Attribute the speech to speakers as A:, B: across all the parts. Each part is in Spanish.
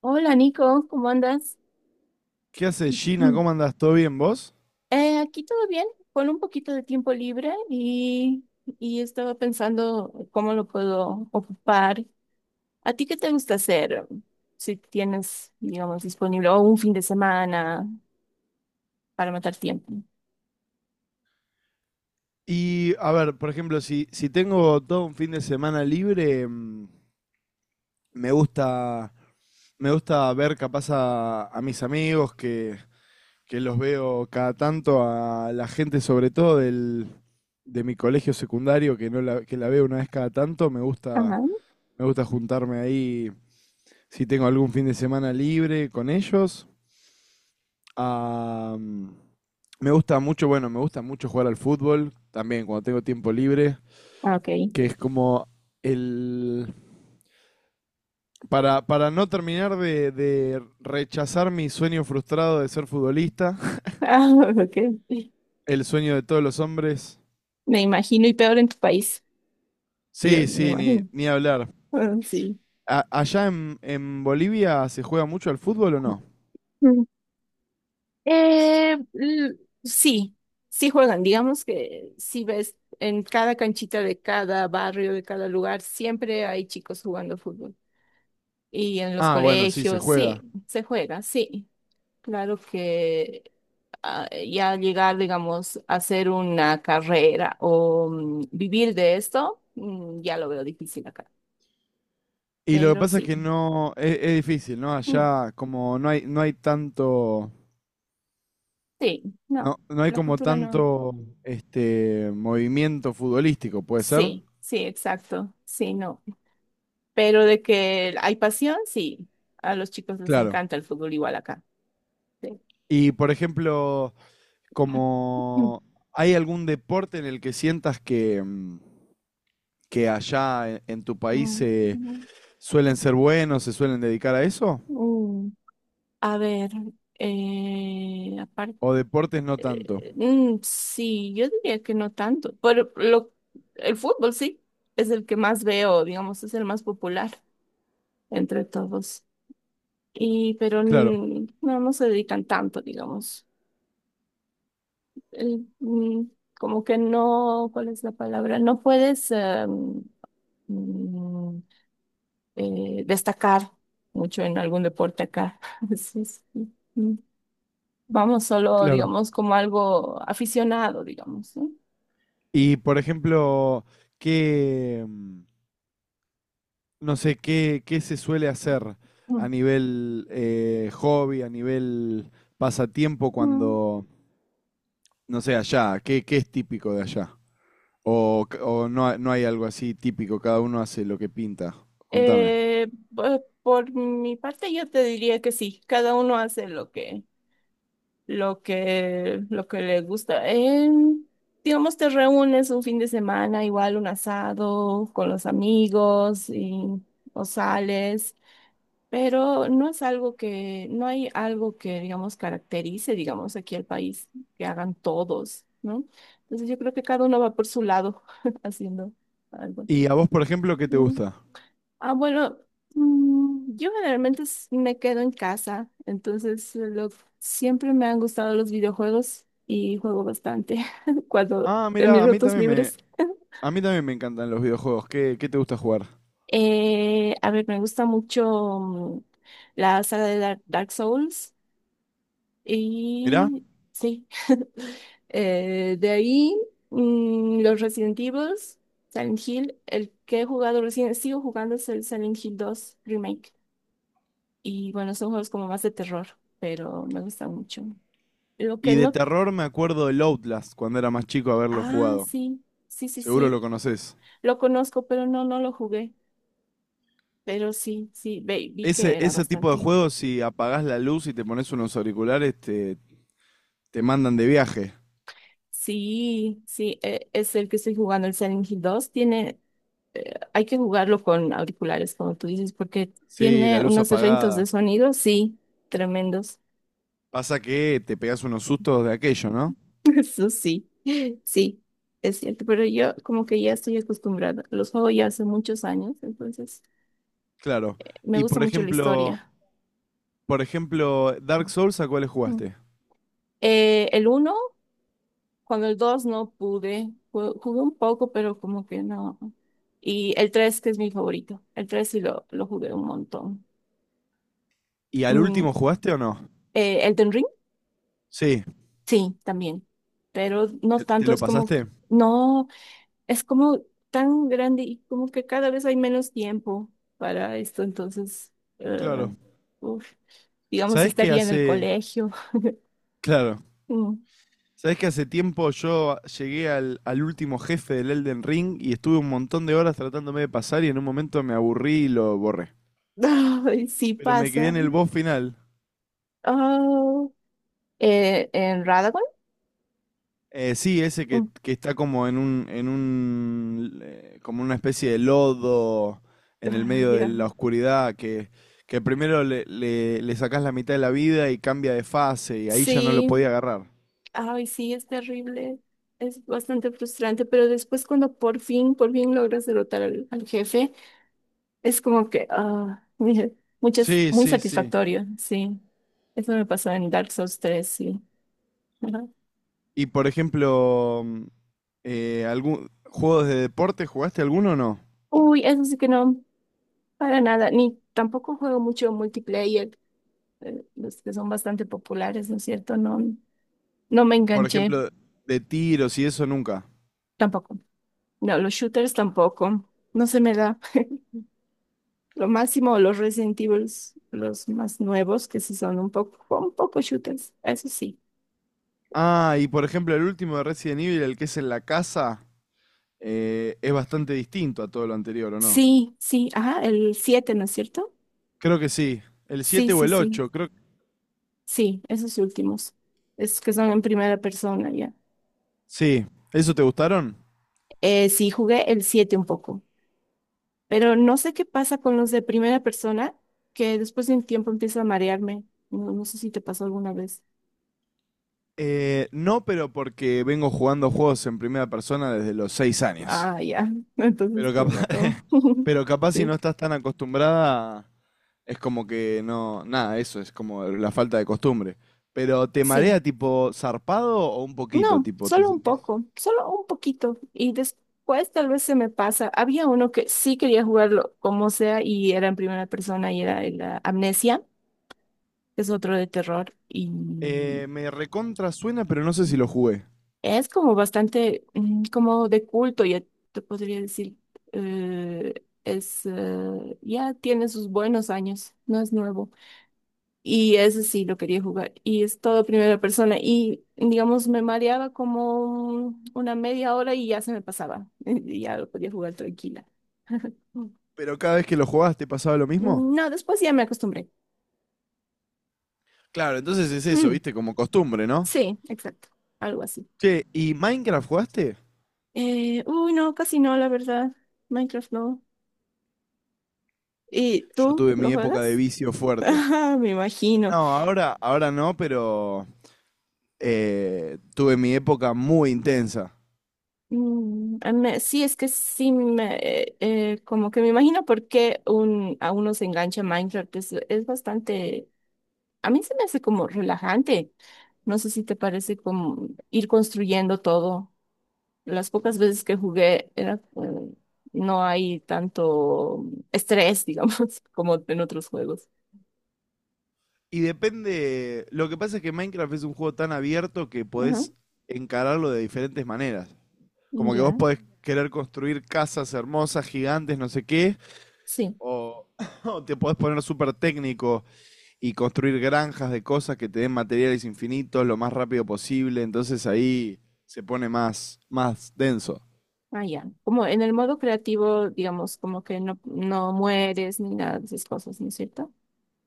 A: Hola Nico, ¿cómo andas?
B: ¿Qué haces, Gina? ¿Cómo andás? ¿Todo bien vos?
A: Aquí todo bien, con un poquito de tiempo libre y estaba pensando cómo lo puedo ocupar. ¿A ti qué te gusta hacer? Si tienes, digamos, disponible o un fin de semana para matar tiempo.
B: Y a ver, por ejemplo, si tengo todo un fin de semana libre, me gusta, me gusta ver capaz a mis amigos que los veo cada tanto, a la gente sobre todo de mi colegio secundario, que no que la veo una vez cada tanto,
A: Ajá.
B: me gusta juntarme ahí si tengo algún fin de semana libre con ellos. Am, Me gusta mucho, bueno, me gusta mucho jugar al fútbol también cuando tengo tiempo libre,
A: Ah, ok.
B: que es como el... para no terminar de rechazar mi sueño frustrado de ser futbolista,
A: Ah, ok.
B: el sueño de todos los hombres.
A: Me imagino, y peor en tu país. Yo
B: Sí,
A: me
B: sí, ni,
A: imagino.
B: ni hablar.
A: Ah, sí.
B: ¿Allá en Bolivia se juega mucho al fútbol o no?
A: Eh, l- sí, sí juegan. Digamos que si ves en cada canchita de cada barrio, de cada lugar, siempre hay chicos jugando fútbol. Y en los
B: Ah, bueno, sí, se
A: colegios, sí,
B: juega.
A: se juega, sí. Claro que ya llegar, digamos, a hacer una carrera o vivir de esto, ya lo veo difícil acá.
B: Y lo que
A: Pero
B: pasa es que
A: sí,
B: no, es difícil, ¿no?
A: mm,
B: Allá como no hay, no hay tanto.
A: sí, no,
B: No, no hay
A: la
B: como
A: cultura no.
B: tanto este movimiento futbolístico, ¿puede ser?
A: Sí, sí, exacto, sí, no. Pero de que hay pasión, sí. A los chicos les
B: Claro.
A: encanta el fútbol igual acá. Sí.
B: Y por ejemplo,
A: Mm,
B: como ¿hay algún deporte en el que sientas que, que allá en tu país
A: mm,
B: se
A: mm,
B: suelen ser buenos, se suelen dedicar a eso?
A: mm. A ver, aparte,
B: ¿O deportes no tanto?
A: sí, yo diría que no tanto, el fútbol sí, es el que más veo, digamos, es el más popular entre todos. Y, pero
B: Claro,
A: no, no se dedican tanto, digamos. El, mm, Como que no, ¿cuál es la palabra? No puedes... mm, destacar mucho en algún deporte acá. Sí, sí. Mm. Vamos solo,
B: claro.
A: digamos, como algo aficionado, digamos, ¿no?
B: Y por ejemplo, ¿qué, no sé, qué, qué se suele hacer a
A: Mm.
B: nivel hobby, a nivel pasatiempo
A: Mm.
B: cuando no sé, ¿allá? ¿Qué, qué es típico de allá? O no, no hay algo así típico? Cada uno hace lo que pinta. Contame.
A: Por mi parte, yo te diría que sí, cada uno hace lo que le gusta. Digamos, te reúnes un fin de semana, igual un asado con los amigos o sales. Pero no es algo que, no hay algo que, digamos, caracterice, digamos, aquí al país, que hagan todos, ¿no? Entonces yo creo que cada uno va por su lado haciendo algo.
B: ¿Y a vos, por ejemplo, qué te
A: Mm.
B: gusta?
A: Ah, bueno, yo generalmente me quedo en casa, entonces siempre me han gustado los videojuegos y juego bastante cuando
B: Ah,
A: en
B: mira,
A: mis
B: a mí
A: ratos
B: también me,
A: libres.
B: a mí también me encantan los videojuegos. ¿Qué, qué te gusta jugar?
A: A ver, me gusta mucho la saga de Dark Souls.
B: Mirá.
A: Y sí. De ahí los Resident Evil, Silent Hill, el que he jugado recién, sigo jugando, es el Silent Hill dos Remake. Y bueno, son juegos como más de terror, pero me gustan mucho. Lo
B: Y
A: que
B: de
A: no...
B: terror me acuerdo del Outlast cuando era más chico haberlo
A: Ah,
B: jugado.
A: sí, sí, sí,
B: Seguro lo
A: sí,
B: conoces.
A: lo conozco, pero no, no lo jugué. Pero sí, sí, vi que
B: Ese,
A: era
B: ese tipo de
A: bastante.
B: juegos, si apagás la luz y te pones unos auriculares, te mandan de viaje.
A: Sí, sí, es el que estoy jugando, el Silent Hill dos. Tiene hay que jugarlo con auriculares, como tú dices, porque
B: Sí, la
A: tiene
B: luz
A: unos efectos de
B: apagada.
A: sonido, sí, tremendos.
B: Pasa que te pegás unos sustos de aquello, ¿no?
A: Eso sí, sí, es cierto, pero yo como que ya estoy acostumbrada. Los juego ya hace muchos años, entonces
B: Claro.
A: me
B: Y
A: gusta mucho la historia.
B: por ejemplo, Dark Souls, ¿a cuáles
A: Mm.
B: jugaste?
A: El uno, cuando el dos no pude, jugué un poco, pero como que no. Y el tres, que es mi favorito. El tres sí lo jugué un montón.
B: ¿Y al
A: El
B: último jugaste o no? Sí,
A: Sí, también, pero no
B: ¿te, te
A: tanto,
B: lo
A: es como,
B: pasaste?
A: no, es como tan grande y como que cada vez hay menos tiempo para esto, entonces, eh,
B: Claro.
A: uf, digamos,
B: ¿Sabés que
A: estaría en el
B: hace,
A: colegio.
B: claro,
A: Mm.
B: sabés que hace tiempo yo llegué al último jefe del Elden Ring y estuve un montón de horas tratándome de pasar y en un momento me aburrí y lo borré?
A: Ay, sí
B: Pero me quedé
A: pasa.
B: en el boss final.
A: Oh, ¿en Radagon?
B: Sí, ese
A: Mm.
B: que está como en un, como una especie de lodo en el
A: Ah,
B: medio de
A: ya.
B: la oscuridad, que primero le sacás la mitad de la vida y cambia de fase, y ahí ya no lo podía
A: Sí,
B: agarrar.
A: ay, sí, es terrible, es bastante frustrante, pero después cuando por fin logras derrotar al jefe. Es como que, ah, mire, muchas,
B: Sí,
A: muy
B: sí, sí.
A: satisfactorio, sí. Eso me pasó en Dark Souls tres, sí. Ajá.
B: Y por ejemplo, ¿juegos de deporte jugaste alguno o no?
A: Uy, eso sí que no, para nada, ni tampoco juego mucho multiplayer, los que son bastante populares, ¿no es cierto? No, no me
B: Por
A: enganché,
B: ejemplo, de tiros y eso nunca.
A: tampoco. No, los shooters tampoco, no se me da. Lo máximo, los Resident Evils, los más nuevos, que sí son un poco shooters, eso sí.
B: Ah, y por ejemplo, el último de Resident Evil, el que es en la casa, es bastante distinto a todo lo anterior, ¿o no?
A: Sí, sí, ajá, el siete, ¿no es cierto?
B: Creo que sí. El
A: Sí,
B: 7 o
A: sí,
B: el
A: sí.
B: ocho, creo.
A: Sí, esos últimos. Esos que son en primera persona, ya.
B: Sí. ¿Eso te gustaron?
A: Sí, jugué el 7 un poco, pero no sé qué pasa con los de primera persona, que después de un tiempo empieza a marearme. No, no sé si te pasó alguna vez.
B: No, pero porque vengo jugando juegos en primera persona desde los 6 años.
A: Ah, ya. Entonces
B: Pero
A: te
B: capaz,
A: mató.
B: pero capaz si no
A: Sí.
B: estás tan acostumbrada, es como que no. Nada, eso es como la falta de costumbre. Pero ¿te
A: Sí.
B: marea tipo zarpado o un poquito?
A: No,
B: Tipo, ¿te
A: solo un
B: sentís?
A: poco, solo un poquito. Y después tal vez se me pasa. Había uno que sí quería jugarlo como sea y era en primera persona y era la Amnesia, que es otro de terror y...
B: Me recontra suena, pero no sé si
A: Bueno,
B: lo jugué.
A: es como bastante como de culto, ya te podría decir. eh, es ya tiene sus buenos años, no es nuevo. Y ese sí lo quería jugar. Y es todo primera persona. Y digamos, me mareaba como una media hora y ya se me pasaba. Y ya lo podía jugar tranquila.
B: Pero cada vez que lo jugabas, ¿te pasaba lo mismo?
A: No, después ya me acostumbré.
B: Claro, entonces es eso,
A: Mm,
B: viste, como costumbre, ¿no?
A: sí, exacto. Algo así.
B: Che, ¿y Minecraft jugaste?
A: Uy, no, casi no, la verdad. Minecraft no. ¿Y
B: Yo
A: tú
B: tuve
A: lo
B: mi época de
A: juegas?
B: vicio fuerte.
A: Ajá, me imagino.
B: No, ahora, ahora no, pero tuve mi época muy intensa.
A: Sí, es que sí, como que me imagino por qué a uno se engancha Minecraft. Es bastante, a mí se me hace como relajante. No sé si te parece, como ir construyendo todo. Las pocas veces que jugué era, no hay tanto estrés, digamos, como en otros juegos.
B: Y depende, lo que pasa es que Minecraft es un juego tan abierto que
A: Ajá.
B: podés encararlo de diferentes maneras. Como que vos
A: Ya,
B: podés querer construir casas hermosas, gigantes, no sé qué,
A: sí.
B: o, o te podés poner súper técnico y construir granjas de cosas que te den materiales infinitos lo más rápido posible, entonces ahí se pone más, más denso.
A: Ah, ya. Como en el modo creativo, digamos, como que no, no mueres ni nada de esas cosas, ¿no es cierto?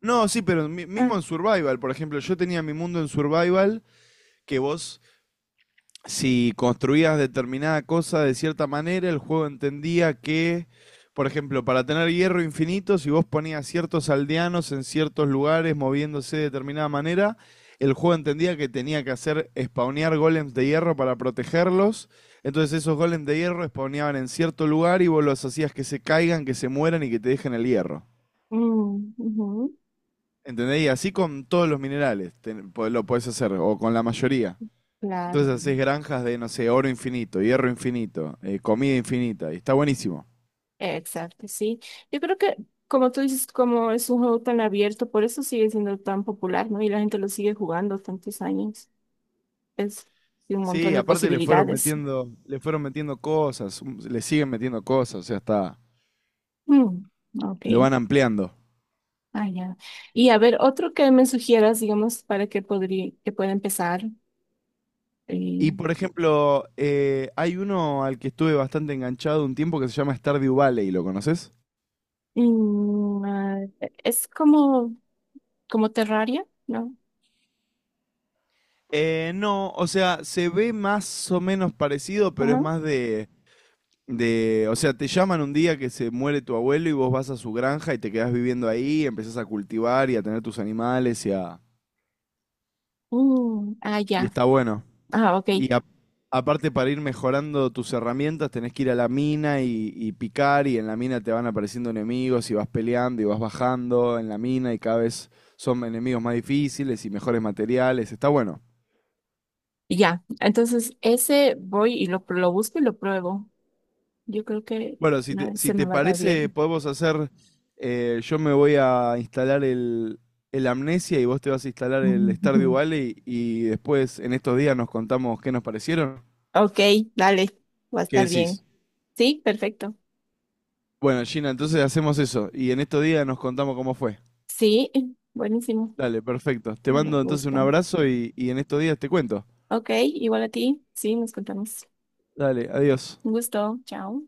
B: No, sí, pero
A: Ah,
B: mismo en Survival, por ejemplo, yo tenía mi mundo en Survival, que vos, si construías determinada cosa de cierta manera, el juego entendía que, por ejemplo, para tener hierro infinito, si vos ponías ciertos aldeanos en ciertos lugares moviéndose de determinada manera, el juego entendía que tenía que hacer spawnear golems de hierro para protegerlos. Entonces esos golems de hierro spawneaban en cierto lugar y vos los hacías que se caigan, que se mueran y que te dejen el hierro.
A: ujú,
B: ¿Entendés? Y así con todos los minerales lo podés hacer, o con la mayoría.
A: claro.
B: Entonces haces granjas de, no sé, oro infinito, hierro infinito, comida infinita, y está buenísimo.
A: Exacto, sí. Yo creo que, como tú dices, como es un juego tan abierto, por eso sigue siendo tan popular, ¿no? Y la gente lo sigue jugando tantos años. Es y un montón
B: Sí,
A: de
B: aparte
A: posibilidades.
B: le fueron metiendo cosas, le siguen metiendo cosas, o sea, está,
A: Mm, ok.
B: lo van ampliando.
A: Ah, ya. Y a ver, otro que me sugieras, digamos, para que podría, que pueda empezar. eh,
B: Y por ejemplo, hay uno al que estuve bastante enganchado un tiempo que se llama Stardew Valley, ¿lo conoces?
A: ah, es como como Terraria, ¿no?
B: No, o sea, se ve más o menos parecido, pero es
A: Ajá.
B: más de. De, o sea, te llaman un día que se muere tu abuelo y vos vas a su granja y te quedás viviendo ahí, empezás a cultivar y a tener tus animales, y a
A: Ah,
B: y
A: ya.
B: está bueno.
A: Ah, ok.
B: Y a- Aparte, para ir mejorando tus herramientas tenés que ir a la mina y picar, y en la mina te van apareciendo enemigos y vas peleando y vas bajando en la mina y cada vez son enemigos más difíciles y mejores materiales. Está bueno.
A: Ya. Entonces, ese voy y lo busco y lo pruebo. Yo creo que
B: Bueno, si te,
A: no,
B: si
A: se me
B: te
A: va a dar
B: parece,
A: bien.
B: podemos hacer. Eh, yo me voy a instalar el Amnesia y vos te vas a instalar el Stardew Valley y después en estos días nos contamos qué nos parecieron.
A: Ok, dale. Va a
B: ¿Qué
A: estar bien.
B: decís?
A: Sí, perfecto.
B: Bueno, Gina, entonces hacemos eso y en estos días nos contamos cómo fue.
A: Sí, buenísimo.
B: Dale, perfecto. Te
A: Me
B: mando entonces un
A: gusta.
B: abrazo y en estos días te cuento.
A: Ok, igual a ti. Sí, nos contamos.
B: Dale, adiós.
A: Un gusto. Chao.